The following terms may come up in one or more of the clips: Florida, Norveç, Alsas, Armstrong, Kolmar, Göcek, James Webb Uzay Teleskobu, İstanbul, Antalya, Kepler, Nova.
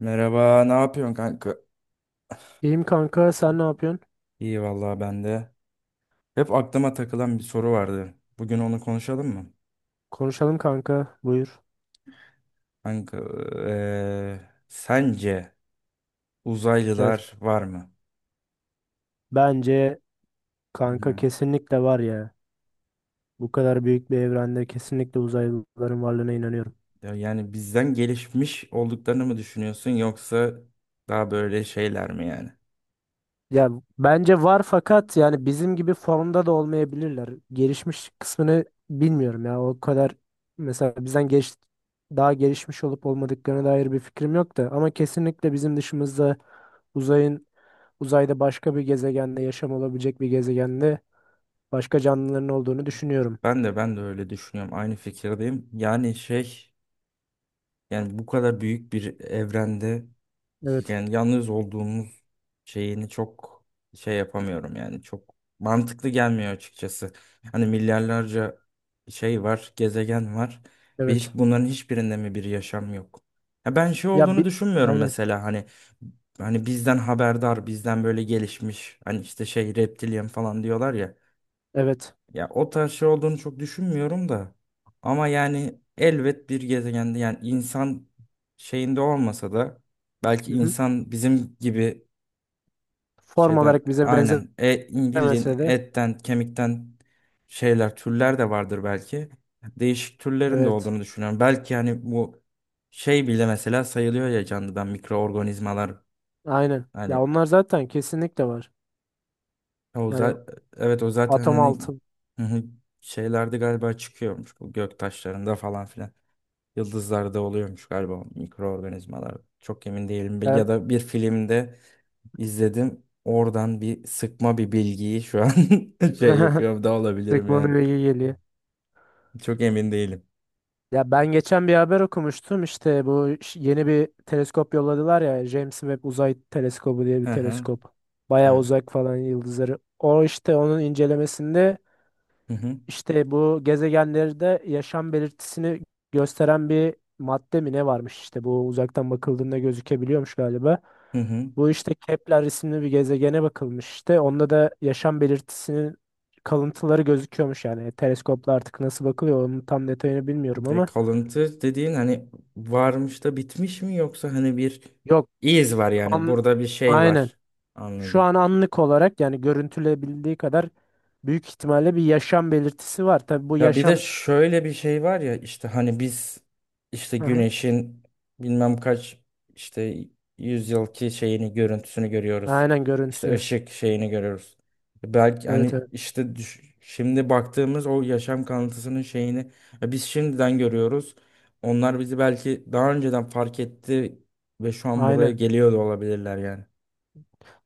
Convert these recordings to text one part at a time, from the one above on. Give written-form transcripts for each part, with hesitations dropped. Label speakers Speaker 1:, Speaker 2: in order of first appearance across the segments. Speaker 1: Merhaba, ne yapıyorsun kanka?
Speaker 2: İyiyim kanka, sen ne yapıyorsun?
Speaker 1: İyi vallahi ben de. Hep aklıma takılan bir soru vardı. Bugün onu konuşalım mı?
Speaker 2: Konuşalım kanka, buyur.
Speaker 1: Kanka, eee, sence
Speaker 2: Evet,
Speaker 1: uzaylılar var mı?
Speaker 2: bence
Speaker 1: Hı
Speaker 2: kanka
Speaker 1: hı.
Speaker 2: kesinlikle var ya. Bu kadar büyük bir evrende kesinlikle uzaylıların varlığına inanıyorum.
Speaker 1: Ya yani bizden gelişmiş olduklarını mı düşünüyorsun yoksa daha böyle şeyler mi yani?
Speaker 2: Ya bence var fakat yani bizim gibi formda da olmayabilirler. Gelişmiş kısmını bilmiyorum ya. O kadar mesela bizden geç daha gelişmiş olup olmadıklarına dair bir fikrim yok da ama kesinlikle bizim dışımızda uzayın uzayda başka bir gezegende yaşam olabilecek bir gezegende başka canlıların olduğunu düşünüyorum.
Speaker 1: Ben de öyle düşünüyorum. Aynı fikirdeyim. Yani şey, yani bu kadar büyük bir evrende
Speaker 2: Evet.
Speaker 1: yani yalnız olduğumuz şeyini çok şey yapamıyorum yani çok mantıklı gelmiyor açıkçası. Hani milyarlarca şey var, gezegen var ve hiç
Speaker 2: Evet.
Speaker 1: bunların hiçbirinde mi bir yaşam yok? Ya ben şey
Speaker 2: Ya
Speaker 1: olduğunu
Speaker 2: bir
Speaker 1: düşünmüyorum
Speaker 2: aynen.
Speaker 1: mesela hani bizden haberdar, bizden böyle gelişmiş, hani işte şey reptilyen falan diyorlar ya.
Speaker 2: Evet.
Speaker 1: Ya o tarz şey olduğunu çok düşünmüyorum da. Ama yani elbet bir gezegende yani insan şeyinde olmasa da belki
Speaker 2: Hı-hı.
Speaker 1: insan bizim gibi
Speaker 2: Form
Speaker 1: şeyden,
Speaker 2: olarak bize
Speaker 1: aynen bildiğin
Speaker 2: benzemese de
Speaker 1: etten kemikten şeyler, türler de vardır belki. Değişik türlerin de
Speaker 2: evet.
Speaker 1: olduğunu düşünüyorum. Belki hani bu şey bile mesela sayılıyor ya canlıdan, mikroorganizmalar
Speaker 2: Aynen. Ya
Speaker 1: hani,
Speaker 2: onlar zaten kesinlikle var.
Speaker 1: o
Speaker 2: Yani
Speaker 1: zaten, evet o zaten
Speaker 2: atom
Speaker 1: hani
Speaker 2: altı.
Speaker 1: şeylerde galiba çıkıyormuş, bu göktaşlarında falan filan. Yıldızlarda oluyormuş galiba mikroorganizmalar. Çok emin değilim.
Speaker 2: Ben...
Speaker 1: Ya da bir filmde izledim. Oradan bir sıkma bir bilgiyi şu an şey yapıyorum da olabilirim yani.
Speaker 2: Teknoloji bilgi geliyor.
Speaker 1: Çok emin değilim.
Speaker 2: Ya ben geçen bir haber okumuştum işte bu yeni bir teleskop yolladılar ya James Webb Uzay Teleskobu diye bir
Speaker 1: Hı hı.
Speaker 2: teleskop. Bayağı
Speaker 1: Evet.
Speaker 2: uzak falan yıldızları. O işte onun incelemesinde
Speaker 1: Hı hı.
Speaker 2: İşte bu gezegenlerde yaşam belirtisini gösteren bir madde mi ne varmış işte bu uzaktan bakıldığında gözükebiliyormuş galiba.
Speaker 1: Hı hı.
Speaker 2: Bu işte Kepler isimli bir gezegene bakılmış işte. Onda da yaşam belirtisinin kalıntıları gözüküyormuş yani. Teleskopla artık nasıl bakılıyor onun tam detayını bilmiyorum
Speaker 1: Ve
Speaker 2: ama
Speaker 1: kalıntı dediğin hani varmış da bitmiş mi, yoksa hani bir
Speaker 2: yok
Speaker 1: iz var yani
Speaker 2: an,
Speaker 1: burada bir şey
Speaker 2: aynen.
Speaker 1: var.
Speaker 2: Şu
Speaker 1: Anladım.
Speaker 2: an anlık olarak yani görüntülebildiği kadar büyük ihtimalle bir yaşam belirtisi var. Tabii bu
Speaker 1: Ya bir de
Speaker 2: yaşam
Speaker 1: şöyle bir şey var ya, işte hani biz işte
Speaker 2: hı hı.
Speaker 1: güneşin bilmem kaç işte yüzyılki şeyini, görüntüsünü görüyoruz.
Speaker 2: Aynen
Speaker 1: İşte
Speaker 2: görüntü.
Speaker 1: ışık şeyini görüyoruz. Belki
Speaker 2: Evet
Speaker 1: hani
Speaker 2: evet.
Speaker 1: işte şimdi baktığımız o yaşam kanıtısının şeyini ya biz şimdiden görüyoruz. Onlar bizi belki daha önceden fark etti ve şu an buraya
Speaker 2: Aynen.
Speaker 1: geliyor da olabilirler yani.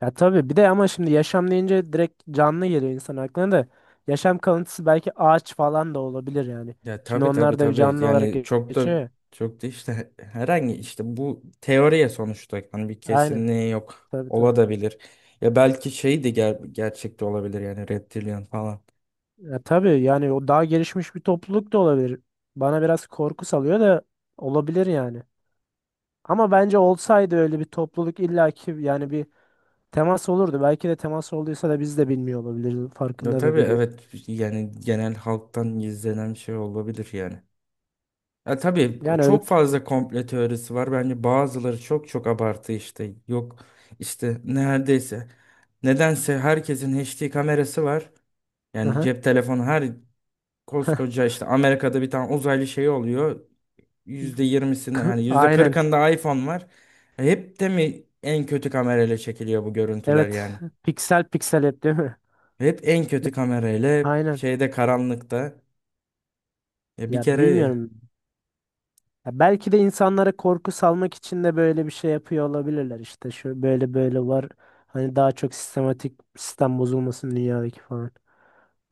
Speaker 2: Ya tabii bir de ama şimdi yaşam deyince direkt canlı geliyor insan aklına da. Yaşam kalıntısı belki ağaç falan da olabilir yani.
Speaker 1: Ya
Speaker 2: Şimdi
Speaker 1: tabii tabii
Speaker 2: onlar da bir
Speaker 1: tabii.
Speaker 2: canlı olarak
Speaker 1: Yani çok da
Speaker 2: geçiyor ya.
Speaker 1: çok da işte herhangi işte, bu teoriye sonuçta hani bir
Speaker 2: Aynen.
Speaker 1: kesinliği yok.
Speaker 2: Tabii tabii.
Speaker 1: Ola da bilir. Ya belki şey de gerçekte olabilir yani, reptilian falan.
Speaker 2: Ya tabii yani o daha gelişmiş bir topluluk da olabilir. Bana biraz korku salıyor da olabilir yani. Ama bence olsaydı öyle bir topluluk illaki yani bir temas olurdu. Belki de temas olduysa da biz de bilmiyor olabiliriz.
Speaker 1: Ya
Speaker 2: Farkında da
Speaker 1: tabii,
Speaker 2: değilim.
Speaker 1: evet yani genel halktan gizlenen şey olabilir yani. Ya tabii
Speaker 2: Yani öyle.
Speaker 1: çok fazla komplo teorisi var. Bence bazıları çok çok abartı işte. Yok işte neredeyse. Nedense herkesin HD kamerası var. Yani
Speaker 2: Aha.
Speaker 1: cep telefonu her, koskoca işte Amerika'da bir tane uzaylı şey oluyor. %20'sinde, yani yüzde
Speaker 2: Aynen.
Speaker 1: kırkında iPhone var. Hep de mi en kötü kamerayla çekiliyor bu görüntüler
Speaker 2: Evet.
Speaker 1: yani?
Speaker 2: Piksel piksel hep değil mi?
Speaker 1: Hep en kötü kamerayla, hep
Speaker 2: Aynen.
Speaker 1: şeyde, karanlıkta. Ya bir
Speaker 2: Ya
Speaker 1: kere,
Speaker 2: bilmiyorum. Ya belki de insanlara korku salmak için de böyle bir şey yapıyor olabilirler. İşte şu böyle böyle var. Hani daha çok sistematik sistem bozulmasın dünyadaki falan.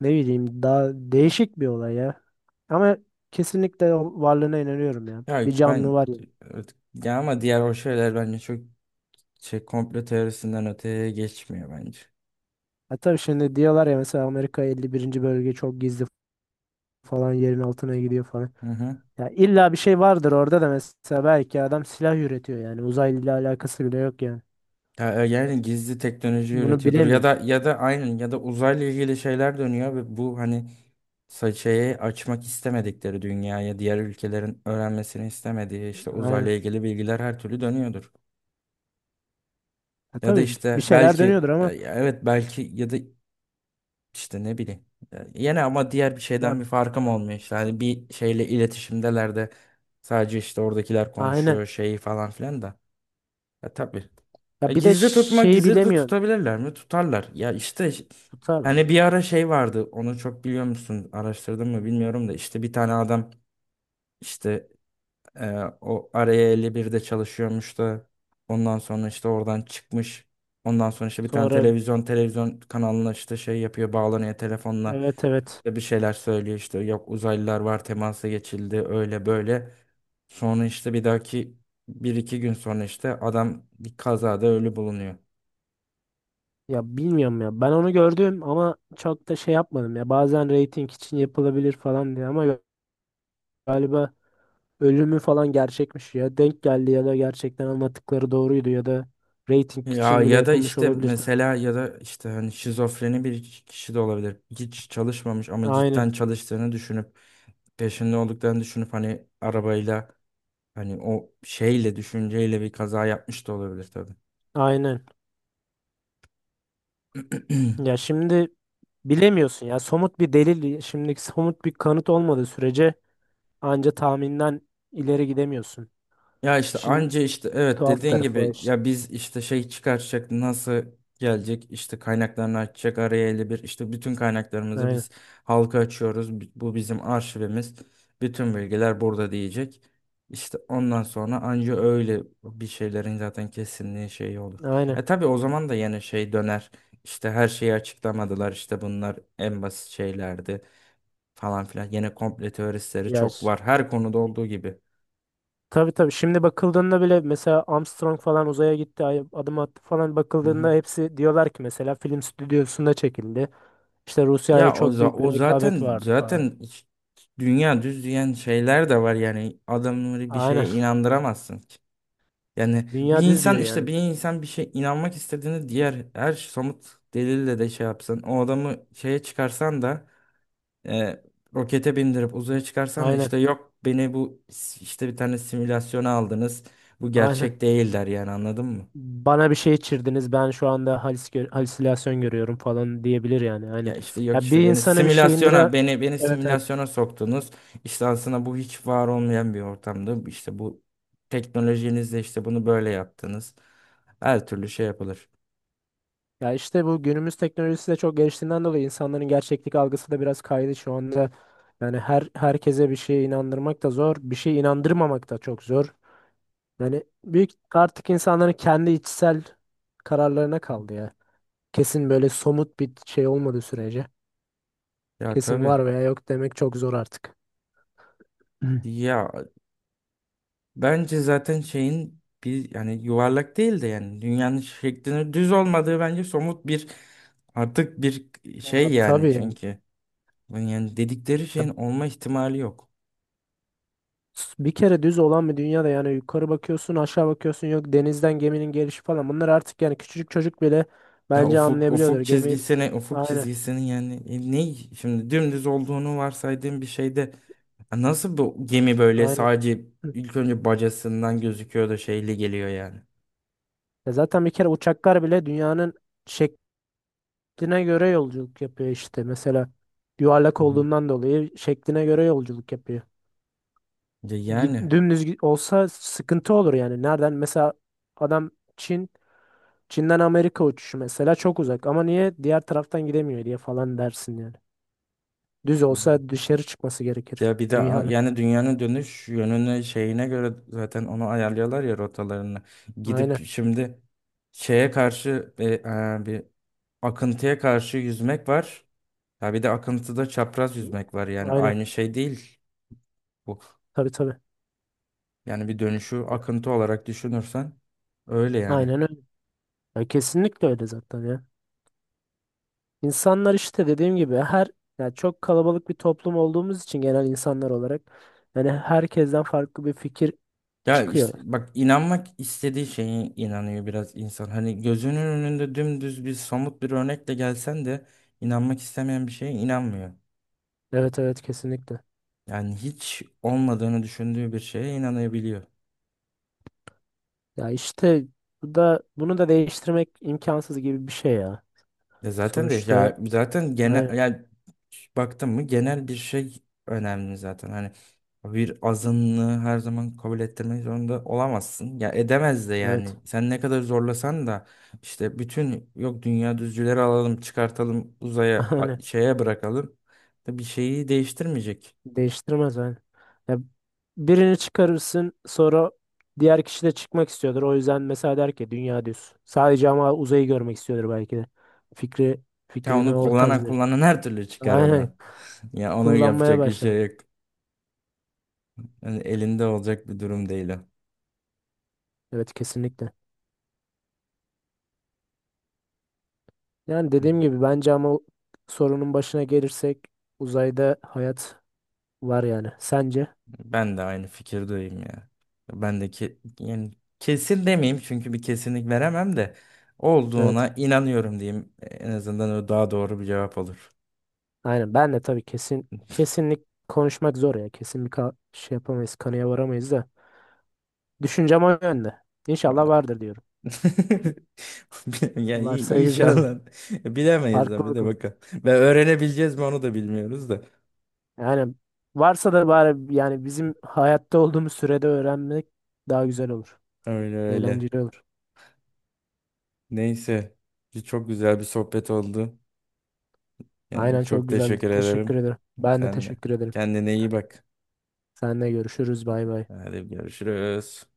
Speaker 2: Ne bileyim daha değişik bir olay ya. Ama kesinlikle o varlığına inanıyorum ya.
Speaker 1: ya
Speaker 2: Bir canlı
Speaker 1: ben,
Speaker 2: var ya.
Speaker 1: evet, ya ama diğer o şeyler bence çok şey, komplo teorisinden öteye geçmiyor bence.
Speaker 2: Ha tabii şimdi diyorlar ya mesela Amerika 51. bölge çok gizli falan yerin altına gidiyor falan.
Speaker 1: Hı hı.
Speaker 2: Ya illa bir şey vardır orada da mesela belki adam silah üretiyor yani uzayla alakası bile yok yani.
Speaker 1: Ya, yani gizli teknoloji
Speaker 2: Bunu
Speaker 1: üretiyordur, ya da
Speaker 2: bilemiyorsun.
Speaker 1: ya da aynen, ya da uzayla ilgili şeyler dönüyor ve bu hani, saçayı açmak istemedikleri dünyaya, diğer ülkelerin öğrenmesini istemediği işte uzayla
Speaker 2: Aynen.
Speaker 1: ilgili bilgiler her türlü dönüyordur.
Speaker 2: Ya
Speaker 1: Ya da
Speaker 2: tabii bir
Speaker 1: işte
Speaker 2: şeyler
Speaker 1: belki
Speaker 2: dönüyordur ama
Speaker 1: ya evet belki, ya da işte ne bileyim. Yine ama diğer bir
Speaker 2: ya
Speaker 1: şeyden bir farkım olmuyor işte. Hani bir şeyle iletişimdeler de sadece işte oradakiler
Speaker 2: aynen.
Speaker 1: konuşuyor şeyi falan filan da. Tabii. E,
Speaker 2: Ya bir de
Speaker 1: gizli tutma,
Speaker 2: şeyi
Speaker 1: gizli de
Speaker 2: bilemiyorsun.
Speaker 1: tutabilirler mi? Tutarlar. Ya işte
Speaker 2: Tutar
Speaker 1: hani
Speaker 2: mı?
Speaker 1: bir ara şey vardı. Onu çok biliyor musun? Araştırdın mı bilmiyorum da, işte bir tane adam işte, Ee, o araya 51'de çalışıyormuş da ondan sonra işte oradan çıkmış. Ondan sonra işte bir tane
Speaker 2: Sonra
Speaker 1: televizyon kanalına işte şey yapıyor, bağlanıyor telefonla
Speaker 2: evet evet.
Speaker 1: ve bir şeyler söylüyor işte, yok uzaylılar var, temasa geçildi, öyle böyle. Sonra işte bir dahaki, bir iki gün sonra işte adam bir kazada ölü bulunuyor.
Speaker 2: Ya bilmiyorum ya. Ben onu gördüm ama çok da şey yapmadım ya. Bazen reyting için yapılabilir falan diye ama galiba ölümü falan gerçekmiş ya. Denk geldi ya da gerçekten anlattıkları doğruydu ya da reyting
Speaker 1: Ya
Speaker 2: için bile
Speaker 1: ya da
Speaker 2: yapılmış
Speaker 1: işte
Speaker 2: olabilir. Tabii.
Speaker 1: mesela, ya da işte hani şizofreni bir kişi de olabilir. Hiç çalışmamış ama cidden
Speaker 2: Aynen.
Speaker 1: çalıştığını düşünüp, peşinde olduklarını düşünüp hani arabayla, hani o şeyle, düşünceyle bir kaza yapmış da olabilir tabii.
Speaker 2: Aynen. Ya şimdi bilemiyorsun ya. Somut bir delil, şimdi somut bir kanıt olmadığı sürece anca tahminden ileri gidemiyorsun.
Speaker 1: Ya işte
Speaker 2: İşin
Speaker 1: anca işte, evet
Speaker 2: tuhaf
Speaker 1: dediğin
Speaker 2: tarafı o
Speaker 1: gibi
Speaker 2: işte.
Speaker 1: ya biz işte şey çıkartacak, nasıl gelecek işte, kaynaklarını açacak, araya 51 işte bütün kaynaklarımızı
Speaker 2: Aynen.
Speaker 1: biz halka açıyoruz. Bu bizim arşivimiz. Bütün bilgiler burada diyecek. İşte ondan sonra anca öyle bir şeylerin zaten kesinliği şeyi olur.
Speaker 2: Aynen.
Speaker 1: Tabii, o zaman da yine şey döner. İşte her şeyi açıklamadılar, İşte bunlar en basit şeylerdi falan filan. Yine komple teoristleri
Speaker 2: Ya
Speaker 1: çok
Speaker 2: ş-
Speaker 1: var. Her konuda olduğu gibi.
Speaker 2: tabii tabii. Şimdi bakıldığında bile mesela Armstrong falan uzaya gitti, adım attı falan
Speaker 1: Hı hı.
Speaker 2: bakıldığında hepsi diyorlar ki mesela film stüdyosunda çekildi. İşte Rusya ile
Speaker 1: Ya o,
Speaker 2: çok
Speaker 1: za-
Speaker 2: büyük
Speaker 1: o
Speaker 2: bir rekabet
Speaker 1: zaten
Speaker 2: vardı falan.
Speaker 1: zaten hiç- dünya düz diyen şeyler de var yani, adamları bir
Speaker 2: Aynen.
Speaker 1: şeye inandıramazsın ki. Yani bir
Speaker 2: Dünya düz diyor
Speaker 1: insan işte,
Speaker 2: yani.
Speaker 1: bir insan bir şey inanmak istediğini diğer her somut delille de şey yapsın. O adamı şeye çıkarsan da e, rokete bindirip uzaya çıkarsan da
Speaker 2: Aynen.
Speaker 1: işte, yok beni bu işte, bir tane simülasyona aldınız. Bu
Speaker 2: Aynen.
Speaker 1: gerçek değil, der yani, anladın mı?
Speaker 2: Bana bir şey içirdiniz. Ben şu anda halis halüsinasyon görüyorum falan diyebilir yani. Aynen.
Speaker 1: Ya işte yok
Speaker 2: Ya bir
Speaker 1: işte, beni
Speaker 2: insana bir şey indire
Speaker 1: simülasyona beni beni
Speaker 2: evet evet.
Speaker 1: simülasyona soktunuz. İşte aslında bu hiç var olmayan bir ortamda işte bu teknolojinizle işte bunu böyle yaptınız. Her türlü şey yapılır.
Speaker 2: Ya işte bu günümüz teknolojisi de çok geliştiğinden dolayı insanların gerçeklik algısı da biraz kaydı şu anda. Yani herkese bir şeye inandırmak da zor, bir şeye inandırmamak da çok zor. Yani büyük artık insanların kendi içsel kararlarına kaldı ya. Kesin böyle somut bir şey olmadığı sürece
Speaker 1: Ya
Speaker 2: kesin
Speaker 1: tabii.
Speaker 2: var veya yok demek çok zor artık. Hı.
Speaker 1: Ya bence zaten şeyin bir, yani yuvarlak değil de yani dünyanın şeklinin düz olmadığı bence somut bir, artık bir
Speaker 2: Ya
Speaker 1: şey yani,
Speaker 2: tabii yani.
Speaker 1: çünkü yani dedikleri şeyin olma ihtimali yok.
Speaker 2: Bir kere düz olan bir dünyada yani yukarı bakıyorsun aşağı bakıyorsun yok denizden geminin gelişi falan bunlar artık yani küçücük çocuk bile
Speaker 1: Ya
Speaker 2: bence
Speaker 1: ufuk
Speaker 2: anlayabiliyordur
Speaker 1: ufuk
Speaker 2: gemi
Speaker 1: çizgisine ufuk
Speaker 2: aynen
Speaker 1: çizgisinin yani ne, şimdi dümdüz olduğunu varsaydığım bir şeyde nasıl bu gemi böyle
Speaker 2: aynen
Speaker 1: sadece
Speaker 2: hı.
Speaker 1: ilk önce bacasından gözüküyor da şeyli geliyor yani.
Speaker 2: Ya zaten bir kere uçaklar bile dünyanın şekline göre yolculuk yapıyor işte mesela
Speaker 1: Hı
Speaker 2: yuvarlak
Speaker 1: hı.
Speaker 2: olduğundan dolayı şekline göre yolculuk yapıyor.
Speaker 1: Ya yani,
Speaker 2: Olsa sıkıntı olur yani nereden mesela adam Çin Çin'den Amerika uçuşu mesela çok uzak ama niye diğer taraftan gidemiyor diye falan dersin yani. Düz olsa dışarı çıkması gerekir
Speaker 1: ya bir de
Speaker 2: dünyanın.
Speaker 1: yani dünyanın dönüş yönüne, şeyine göre zaten onu ayarlıyorlar ya rotalarını. Gidip
Speaker 2: Aynen.
Speaker 1: şimdi şeye karşı bir, akıntıya karşı yüzmek var. Ya bir de akıntıda çapraz yüzmek var, yani
Speaker 2: Aynen.
Speaker 1: aynı şey değil bu.
Speaker 2: Tabii tabii.
Speaker 1: Yani bir dönüşü akıntı olarak düşünürsen öyle yani.
Speaker 2: Aynen öyle. Ya kesinlikle öyle zaten ya. İnsanlar işte dediğim gibi her yani çok kalabalık bir toplum olduğumuz için genel insanlar olarak yani herkesten farklı bir fikir
Speaker 1: Ya işte
Speaker 2: çıkıyor.
Speaker 1: bak, inanmak istediği şeye inanıyor biraz insan. Hani gözünün önünde dümdüz bir somut bir örnekle gelsen de inanmak istemeyen bir şeye inanmıyor.
Speaker 2: Evet evet kesinlikle.
Speaker 1: Yani hiç olmadığını düşündüğü bir şeye inanabiliyor.
Speaker 2: Ya işte bu da bunu da değiştirmek imkansız gibi bir şey ya.
Speaker 1: Ya zaten de,
Speaker 2: Sonuçta
Speaker 1: ya zaten genel
Speaker 2: aynen
Speaker 1: yani baktım mı, genel bir şey önemli zaten. Hani bir azınlığı her zaman kabul ettirmek zorunda olamazsın. Ya edemez de
Speaker 2: evet.
Speaker 1: yani. Sen ne kadar zorlasan da işte, bütün, yok dünya düzcüleri alalım, çıkartalım, uzaya
Speaker 2: Aynen.
Speaker 1: şeye bırakalım da bir şeyi değiştirmeyecek.
Speaker 2: Değiştirmez yani. Ya birini çıkarırsın sonra diğer kişi de çıkmak istiyordur. O yüzden mesela der ki dünya düz. Sadece ama uzayı görmek istiyordur belki de. Fikri
Speaker 1: Ya
Speaker 2: fikrini
Speaker 1: onu
Speaker 2: o tarz
Speaker 1: kullanan
Speaker 2: bir.
Speaker 1: kullanan her türlü çıkar
Speaker 2: Aynen.
Speaker 1: onu. Ya onu
Speaker 2: Kullanmaya
Speaker 1: yapacak bir şey
Speaker 2: başladı.
Speaker 1: yok. Yani elinde olacak bir durum değil o.
Speaker 2: Evet kesinlikle. Yani dediğim gibi bence ama o sorunun başına gelirsek uzayda hayat var yani. Sence?
Speaker 1: Ben de aynı fikirdeyim ya. Ben de, yani kesin demeyeyim çünkü bir kesinlik veremem de,
Speaker 2: Evet.
Speaker 1: olduğuna inanıyorum diyeyim. En azından o daha doğru bir cevap olur.
Speaker 2: Aynen. Ben de tabii kesin kesinlik konuşmak zor ya. Kesin bir şey yapamayız, kanıya varamayız da. Düşüncem o yönde. İnşallah vardır diyorum.
Speaker 1: Yani
Speaker 2: Varsa güzel olur.
Speaker 1: inşallah bilemeyiz tabii
Speaker 2: Farklılık
Speaker 1: de,
Speaker 2: olur.
Speaker 1: bakalım. Ve öğrenebileceğiz mi, onu da bilmiyoruz da.
Speaker 2: Yani varsa da bari yani bizim hayatta olduğumuz sürede öğrenmek daha güzel olur.
Speaker 1: Öyle öyle.
Speaker 2: Eğlenceli olur.
Speaker 1: Neyse. Çok güzel bir sohbet oldu. Yani
Speaker 2: Aynen
Speaker 1: çok
Speaker 2: çok güzeldi.
Speaker 1: teşekkür
Speaker 2: Teşekkür
Speaker 1: ederim.
Speaker 2: ederim. Ben de
Speaker 1: Sen de.
Speaker 2: teşekkür ederim.
Speaker 1: Kendine iyi bak.
Speaker 2: Seninle görüşürüz. Bay bay.
Speaker 1: Hadi görüşürüz.